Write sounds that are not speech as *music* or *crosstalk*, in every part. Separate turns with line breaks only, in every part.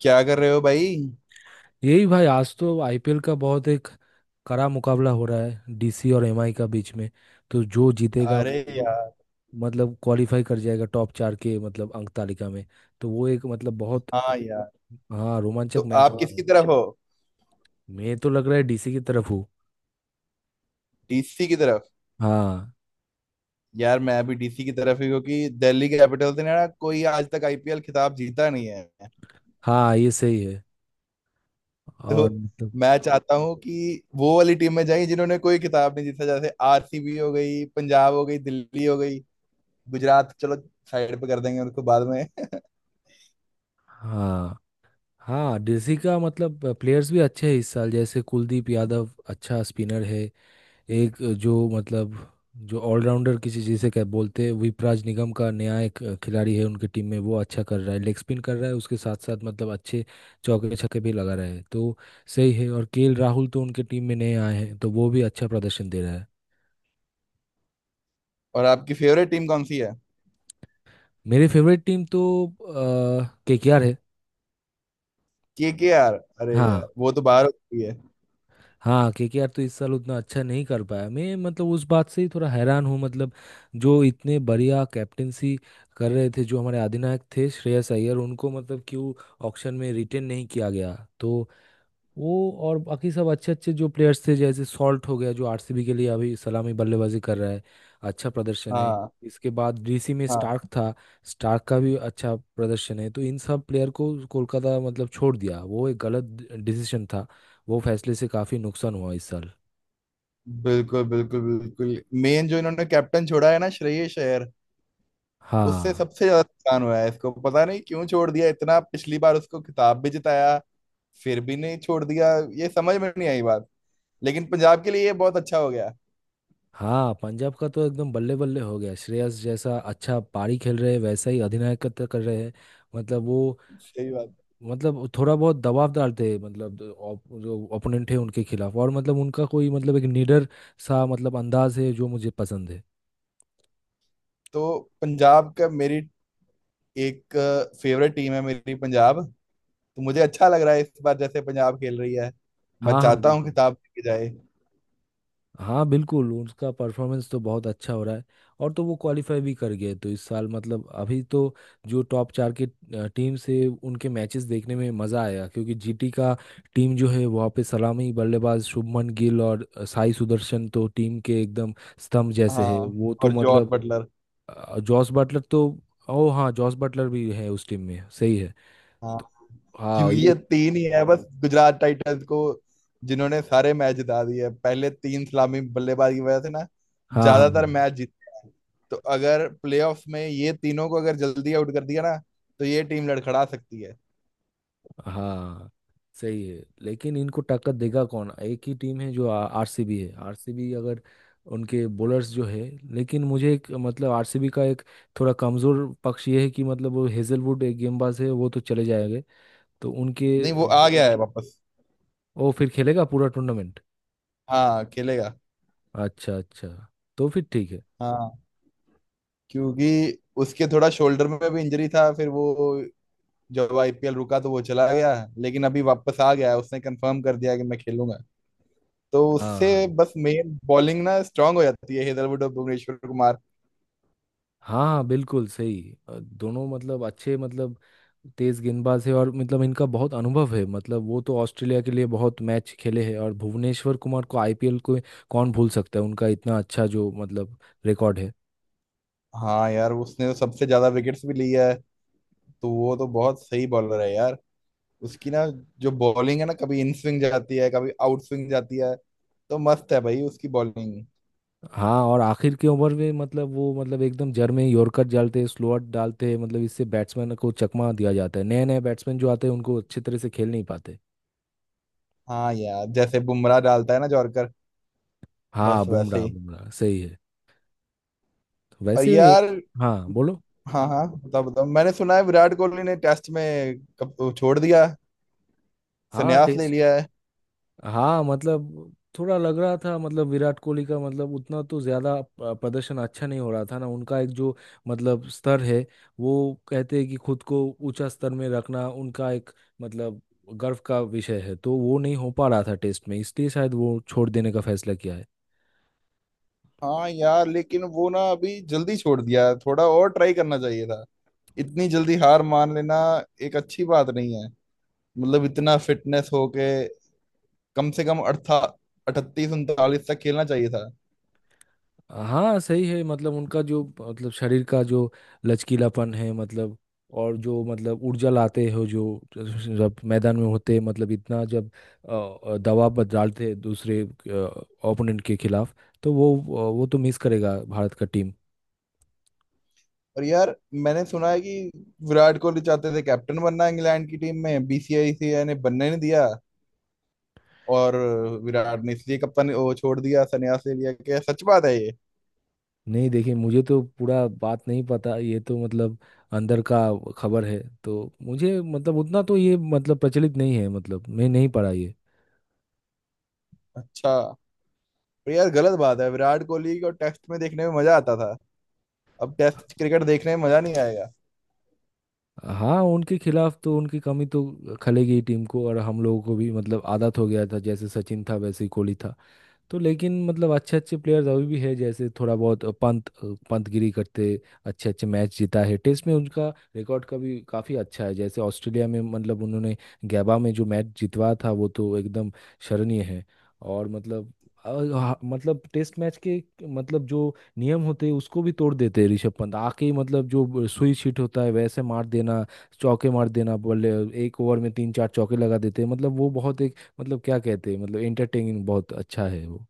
क्या कर रहे हो भाई?
यही भाई, आज तो आईपीएल का बहुत एक कड़ा मुकाबला हो रहा है डीसी और एमआई का बीच में। तो जो जीतेगा वो
अरे
तो
यार।
मतलब क्वालिफाई कर जाएगा टॉप चार के, मतलब अंक तालिका में। तो वो एक मतलब बहुत, हाँ,
तो
रोमांचक मैच
आप
हो
और
रहा है।
किसकी तरफ हो?
मैं तो लग रहा है डीसी की तरफ हूँ।
*laughs* डीसी की तरफ।
हाँ।
यार मैं भी डीसी की तरफ ही, क्योंकि दिल्ली कैपिटल्स ने ना कोई आज तक आईपीएल खिताब जीता नहीं है।
हाँ, ये सही है।
तो
और मतलब।
मैं चाहता हूँ कि वो वाली टीम में जाएं जिन्होंने कोई खिताब नहीं जीता, जैसे आरसीबी हो गई, पंजाब हो गई, दिल्ली हो गई। गुजरात चलो साइड पे कर देंगे उनको बाद में। *laughs*
हाँ, हाँ, डीसी का मतलब प्लेयर्स भी अच्छे हैं इस साल, जैसे कुलदीप यादव अच्छा स्पिनर है। एक जो मतलब, जो ऑलराउंडर किसी, जिसे क्या बोलते हैं, विपराज निगम का नया एक खिलाड़ी है उनके टीम में, वो अच्छा कर रहा है, लेग स्पिन कर रहा है, उसके साथ साथ मतलब अच्छे चौके छक्के भी लगा रहा है। तो सही है। और केएल राहुल तो उनके टीम में नए आए हैं तो वो भी अच्छा प्रदर्शन दे रहा है।
और आपकी फेवरेट टीम कौन सी है?
मेरी फेवरेट टीम तो केकेआर है।
केकेआर? अरे
हाँ।
यार वो तो बाहर हो चुकी है।
हाँ, केकेआर तो इस साल उतना अच्छा नहीं कर पाया। मैं मतलब उस बात से ही थोड़ा हैरान हूँ, मतलब जो इतने बढ़िया कैप्टेंसी कर रहे थे, जो हमारे अधिनायक थे श्रेयस अय्यर, उनको मतलब क्यों ऑक्शन में रिटेन नहीं किया गया। तो वो और बाकी सब अच्छे अच्छे जो प्लेयर्स थे, जैसे सॉल्ट हो गया जो आरसीबी के लिए अभी सलामी बल्लेबाजी कर रहा है, अच्छा प्रदर्शन है।
हाँ।
इसके बाद डीसी में
हाँ।
स्टार्क था। स्टार्क का भी अच्छा प्रदर्शन है, तो इन सब प्लेयर को कोलकाता मतलब छोड़ दिया, वो एक गलत डिसीजन था। वो फैसले से काफ़ी नुकसान हुआ इस साल।
बिल्कुल बिल्कुल बिल्कुल, मेन जो इन्होंने कैप्टन छोड़ा है ना, श्रेयस अय्यर, उससे
हाँ।
सबसे ज्यादा नुकसान हुआ है। इसको पता नहीं क्यों छोड़ दिया, इतना पिछली बार उसको खिताब भी जिताया, फिर भी नहीं छोड़ दिया, ये समझ में नहीं आई बात। लेकिन पंजाब के लिए ये बहुत अच्छा हो गया।
हाँ, पंजाब का तो एकदम बल्ले बल्ले हो गया, श्रेयस जैसा अच्छा पारी खेल रहे हैं वैसा ही अधिनायकत्व कर रहे हैं। मतलब वो,
सही बात।
मतलब वो थोड़ा बहुत दबाव डालते हैं, मतलब जो जो ओपोनेंट है उनके खिलाफ, और मतलब उनका कोई मतलब एक निडर सा मतलब अंदाज है जो मुझे पसंद है।
तो पंजाब का, मेरी एक फेवरेट टीम है मेरी, पंजाब। तो मुझे अच्छा लग रहा है इस बार जैसे पंजाब खेल रही है। मैं
हाँ, हाँ,
चाहता हूँ
बिल्कुल।
खिताब लेके जाए।
हाँ, बिल्कुल, उसका परफॉर्मेंस तो बहुत अच्छा हो रहा है। और तो वो क्वालिफाई भी कर गए, तो इस साल मतलब अभी तो जो टॉप चार के टीम से उनके मैचेस देखने में मज़ा आएगा, क्योंकि जीटी का टीम जो है वहाँ पे सलामी बल्लेबाज शुभमन गिल और साई सुदर्शन तो टीम के एकदम स्तंभ जैसे है
हाँ,
वो तो
और जॉस
मतलब।
बटलर।
जॉस बटलर तो, ओ हाँ, जॉस बटलर भी है उस टीम में, सही है।
हाँ,
तो हाँ,
क्योंकि
ये।
ये तीन ही है बस गुजरात टाइटंस को, जिन्होंने सारे मैच जिता दिए पहले तीन सलामी बल्लेबाज की वजह से ना,
हाँ।
ज्यादातर
हाँ।
मैच जीत। तो अगर प्लेऑफ्स में ये तीनों को अगर जल्दी आउट कर दिया ना, तो ये टीम लड़खड़ा सकती है।
हाँ, सही है। लेकिन इनको टक्कर देगा कौन? एक ही टीम है जो आरसीबी है। आरसीबी अगर उनके बॉलर्स जो है, लेकिन मुझे एक मतलब आरसीबी का एक थोड़ा कमजोर पक्ष ये है कि मतलब वो हेजलवुड एक गेंदबाज है, वो तो चले जाएंगे तो उनके।
नहीं, वो आ गया है बिल्कुल वापस।
वो फिर खेलेगा पूरा टूर्नामेंट?
हाँ खेलेगा।
अच्छा, अच्छा। तो फिर ठीक है।
हाँ, क्योंकि उसके थोड़ा शोल्डर में भी इंजरी था, फिर वो जब आईपीएल रुका तो वो चला गया। लेकिन अभी वापस आ गया है, उसने कंफर्म कर दिया कि मैं खेलूंगा। तो
हाँ। हाँ,
उससे बस मेन बॉलिंग ना स्ट्रांग हो जाती है, हेदरवुड और भुवनेश्वर कुमार।
हाँ, हाँ बिल्कुल सही। दोनों मतलब अच्छे मतलब तेज गेंदबाज है, और मतलब इनका बहुत अनुभव है, मतलब वो तो ऑस्ट्रेलिया के लिए बहुत मैच खेले हैं, और भुवनेश्वर कुमार को आईपीएल को कौन भूल सकता है? उनका इतना अच्छा जो मतलब रिकॉर्ड है।
हाँ यार, उसने तो सबसे ज्यादा विकेट्स भी लिया है। तो वो तो बहुत सही बॉलर है यार। उसकी ना जो बॉलिंग है ना, कभी इन स्विंग जाती है, कभी आउट स्विंग जाती है। तो मस्त है भाई उसकी बॉलिंग।
हाँ, और आखिर के ओवर में मतलब वो मतलब एकदम जड़ में यॉर्कर डालते हैं, स्लोअर डालते हैं, मतलब इससे बैट्समैन को चकमा दिया जाता है। नए नए बैट्समैन जो आते हैं उनको अच्छे तरह से खेल नहीं पाते।
हाँ यार, जैसे बुमराह डालता है ना जॉर्कर,
हाँ,
बस वैसे
बुमराह
ही।
बुमराह सही है।
और
वैसे
यार।
हाँ, बोलो।
हाँ हाँ बताओ बताओ, मैंने सुना है विराट कोहली ने टेस्ट में छोड़ दिया,
हाँ,
संन्यास ले
टेस्ट।
लिया।
हाँ, मतलब थोड़ा लग रहा था, मतलब विराट कोहली का मतलब उतना तो ज्यादा प्रदर्शन अच्छा नहीं हो रहा था ना, उनका एक जो मतलब स्तर है वो, कहते हैं कि खुद को ऊंचा स्तर में रखना उनका एक मतलब गर्व का विषय है, तो वो नहीं हो पा रहा था टेस्ट में, इसलिए शायद वो छोड़ देने का फैसला किया है।
हाँ यार, लेकिन वो ना अभी जल्दी छोड़ दिया, थोड़ा और ट्राई करना चाहिए था। इतनी जल्दी हार मान लेना एक अच्छी बात नहीं है। मतलब इतना फिटनेस होके कम से कम अड़था 38 39 तक खेलना चाहिए था।
हाँ, सही है, मतलब उनका जो मतलब शरीर का जो लचकीलापन है मतलब, और जो मतलब ऊर्जा लाते हो जो जब मैदान में होते हैं मतलब, इतना जब दबाव पर डालते हैं दूसरे ओपोनेंट के खिलाफ, तो वो तो मिस करेगा भारत का टीम।
और यार, मैंने सुना है कि विराट कोहली चाहते थे कैप्टन बनना इंग्लैंड की टीम में, बीसीसीआई ने बनने नहीं दिया। और विराट ने इसलिए कप्तान वो छोड़ दिया, संन्यास ले लिया, क्या सच बात है ये?
नहीं, देखिए, मुझे तो पूरा बात नहीं पता, ये तो मतलब अंदर का खबर है, तो मुझे मतलब उतना तो ये मतलब प्रचलित नहीं है, मतलब मैं नहीं पढ़ा ये।
अच्छा। पर यार गलत बात है, विराट कोहली को टेस्ट में देखने में मजा आता था। अब टेस्ट क्रिकेट देखने में मजा नहीं आएगा।
हाँ, उनके खिलाफ तो उनकी कमी तो खलेगी ही टीम को, और हम लोगों को भी मतलब आदत हो गया था, जैसे सचिन था वैसे ही कोहली था। तो लेकिन मतलब अच्छे अच्छे प्लेयर्स अभी भी है, जैसे थोड़ा बहुत पंत पंतगिरी करते अच्छे अच्छे मैच जीता है टेस्ट में, उनका रिकॉर्ड का भी काफ़ी अच्छा है। जैसे ऑस्ट्रेलिया में मतलब उन्होंने गैबा में जो मैच जितवा था वो तो एकदम शरणीय है। और मतलब मतलब टेस्ट मैच के मतलब जो नियम होते हैं उसको भी तोड़ देते हैं ऋषभ पंत आके ही, मतलब जो सुई छिट होता है वैसे मार देना, चौके मार देना बल्ले, एक ओवर में तीन चार चौके लगा देते हैं, मतलब वो बहुत मतलब क्या कहते हैं मतलब एंटरटेनिंग, बहुत अच्छा है वो।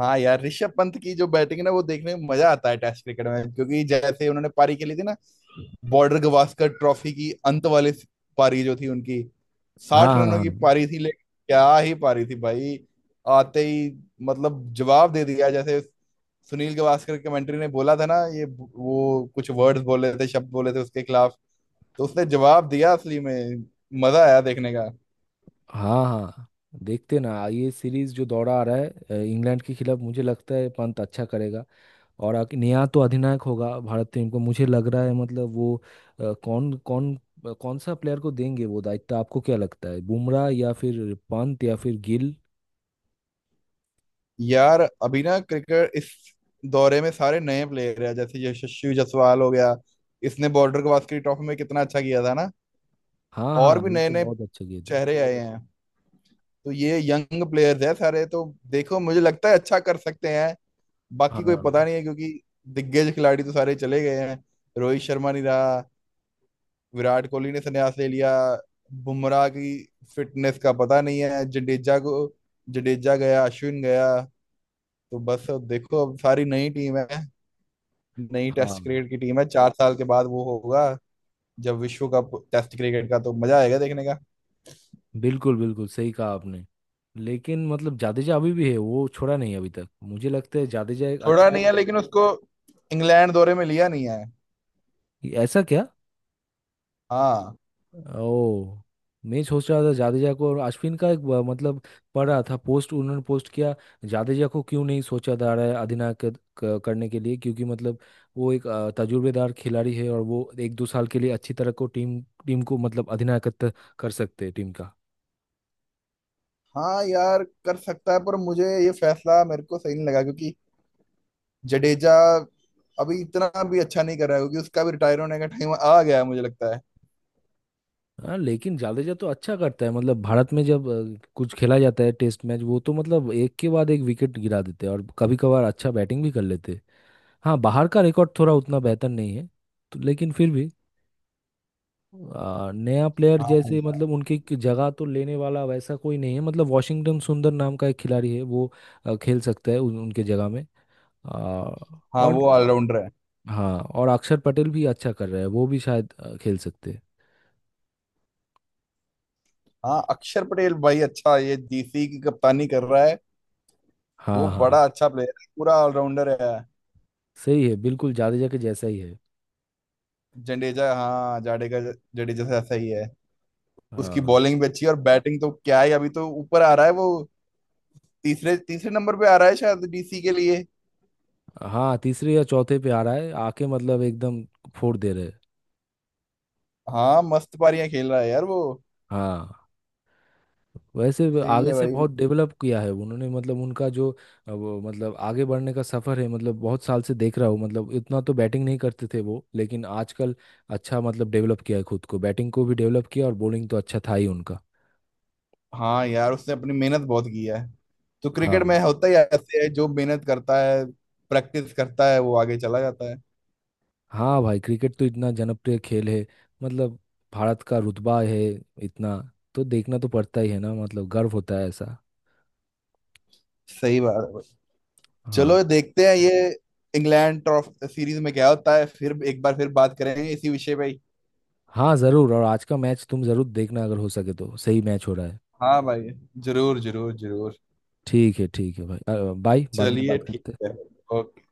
हाँ यार, ऋषभ पंत की जो बैटिंग है ना, वो देखने में मजा आता है टेस्ट क्रिकेट में, क्योंकि जैसे उन्होंने पारी खेली थी ना, बॉर्डर गावस्कर ट्रॉफी की अंत वाली पारी जो थी उनकी,
हाँ,
60 रनों
हाँ,
की पारी थी, लेकिन क्या ही पारी थी भाई। आते ही मतलब जवाब दे दिया, जैसे सुनील गावस्कर कमेंट्री ने बोला था ना, ये वो कुछ वर्ड्स बोले थे, शब्द बोले थे उसके खिलाफ, तो उसने जवाब दिया असली में। मजा आया देखने का।
हाँ। हाँ, हाँ, देखते ना ये सीरीज जो दौरा आ रहा है इंग्लैंड के खिलाफ, मुझे लगता है पंत अच्छा करेगा। और आखिर नया तो अधिनायक होगा भारत टीम को, मुझे लग रहा है मतलब वो अ, कौन कौन अ, कौन सा प्लेयर को देंगे वो दायित्व? आपको क्या लगता है, बुमराह या फिर पंत या फिर गिल?
यार, अभी ना क्रिकेट इस दौरे में सारे नए प्लेयर हैं, जैसे यशस्वी जायसवाल हो गया। इसने बॉर्डर गवास्कर ट्रॉफी में कितना अच्छा किया था ना।
हाँ,
और
हाँ,
भी
ये
नए
तो
नए
बहुत अच्छे गेंद है।
चेहरे आए हैं। तो ये यंग प्लेयर्स हैं सारे, तो देखो मुझे लगता है अच्छा कर सकते हैं। बाकी कोई
हाँ,
पता नहीं है, क्योंकि दिग्गज खिलाड़ी तो सारे चले गए हैं। रोहित शर्मा नहीं रहा, विराट कोहली ने संन्यास ले लिया, बुमराह की फिटनेस का पता नहीं है, जडेजा को, जडेजा गया, अश्विन गया। तो बस अब देखो, अब सारी नई टीम है, नई
हाँ,
टेस्ट क्रिकेट की टीम है। चार साल के बाद वो होगा जब विश्व कप टेस्ट क्रिकेट का, तो मजा आएगा देखने का।
बिल्कुल बिल्कुल सही कहा आपने। लेकिन मतलब जाडेजा अभी भी है, वो छोड़ा नहीं अभी तक, मुझे लगता है जाडेजा एक
थोड़ा
अच्छा।
नहीं है लेकिन उसको इंग्लैंड दौरे में लिया नहीं है।
ऐसा क्या?
हाँ।
ओ। मैं सोच रहा था जाडेजा को और अश्विन का एक मतलब पढ़ रहा था पोस्ट, उन्होंने पोस्ट किया। जाडेजा को क्यों नहीं सोचा जा रहा है अधिनायक करने के लिए? क्योंकि मतलब वो एक तजुर्बेदार खिलाड़ी है, और वो एक दो साल के लिए अच्छी तरह को टीम टीम को मतलब अधिनायकत्व कर सकते हैं टीम का।
हाँ यार कर सकता है, पर मुझे ये फैसला, मेरे को सही नहीं लगा, क्योंकि जडेजा अभी इतना भी अच्छा नहीं कर रहा है, क्योंकि उसका भी रिटायर होने का टाइम आ गया है मुझे लगता है।
हाँ, लेकिन जाडेजा तो अच्छा करता है मतलब, भारत में जब कुछ खेला जाता है टेस्ट मैच, वो तो मतलब एक के बाद एक विकेट गिरा देते हैं, और कभी कभार अच्छा बैटिंग भी कर लेते हैं। हाँ, बाहर का रिकॉर्ड थोड़ा उतना बेहतर नहीं है। तो लेकिन फिर भी नया प्लेयर
हाँ
जैसे
यार।
मतलब उनकी जगह तो लेने वाला वैसा कोई नहीं है, मतलब वॉशिंगटन सुंदर नाम का एक खिलाड़ी है, वो खेल सकता है उनके जगह में। आ,
हाँ
और।
वो ऑलराउंडर है।
हाँ, और अक्षर पटेल भी अच्छा कर रहा है, वो भी शायद खेल सकते हैं।
हाँ, अक्षर पटेल भाई अच्छा, ये डीसी की कप्तानी कर रहा है। वो
हाँ, हाँ,
बड़ा अच्छा प्लेयर है, पूरा ऑलराउंडर है।
सही है, बिल्कुल जाडेजा के जैसा ही है।
जडेजा, हाँ जाडेजा, जडेजा से ऐसा ही है। उसकी
हाँ।
बॉलिंग भी अच्छी है, और बैटिंग तो क्या है, अभी तो ऊपर आ रहा है वो। तीसरे तीसरे नंबर पे आ रहा है शायद डीसी के लिए।
हाँ, तीसरे या चौथे पे आ रहा है, आके मतलब एकदम फोड़ दे रहे हैं।
हाँ मस्त पारियां खेल रहा है यार वो।
हाँ, वैसे वे
सही
आगे
है
से
भाई।
बहुत डेवलप किया है उन्होंने, मतलब उनका जो वो मतलब आगे बढ़ने का सफर है, मतलब बहुत साल से देख रहा हूँ, मतलब इतना तो बैटिंग नहीं करते थे वो, लेकिन आजकल अच्छा मतलब डेवलप किया है खुद को, बैटिंग को भी डेवलप किया, और बॉलिंग तो अच्छा था ही उनका।
हाँ यार, उसने अपनी मेहनत बहुत की है। तो क्रिकेट
हाँ।
में होता ही ऐसे है, जो मेहनत करता है, प्रैक्टिस करता है, वो आगे चला जाता है।
हाँ भाई, क्रिकेट तो इतना जनप्रिय खेल है मतलब, भारत का रुतबा है इतना, तो देखना तो पड़ता ही है ना, मतलब गर्व होता है ऐसा।
सही बात है भाई। चलो
हाँ।
देखते हैं ये इंग्लैंड ट्रॉफी सीरीज में क्या होता है, फिर एक बार फिर बात करेंगे इसी विषय पे ही।
हाँ ज़रूर, और आज का मैच तुम ज़रूर देखना अगर हो सके तो, सही मैच हो रहा है।
हाँ भाई, जरूर जरूर जरूर।
ठीक है, ठीक है भाई, बाय, बाद में
चलिए
बात
ठीक
करते हैं।
है, ओके।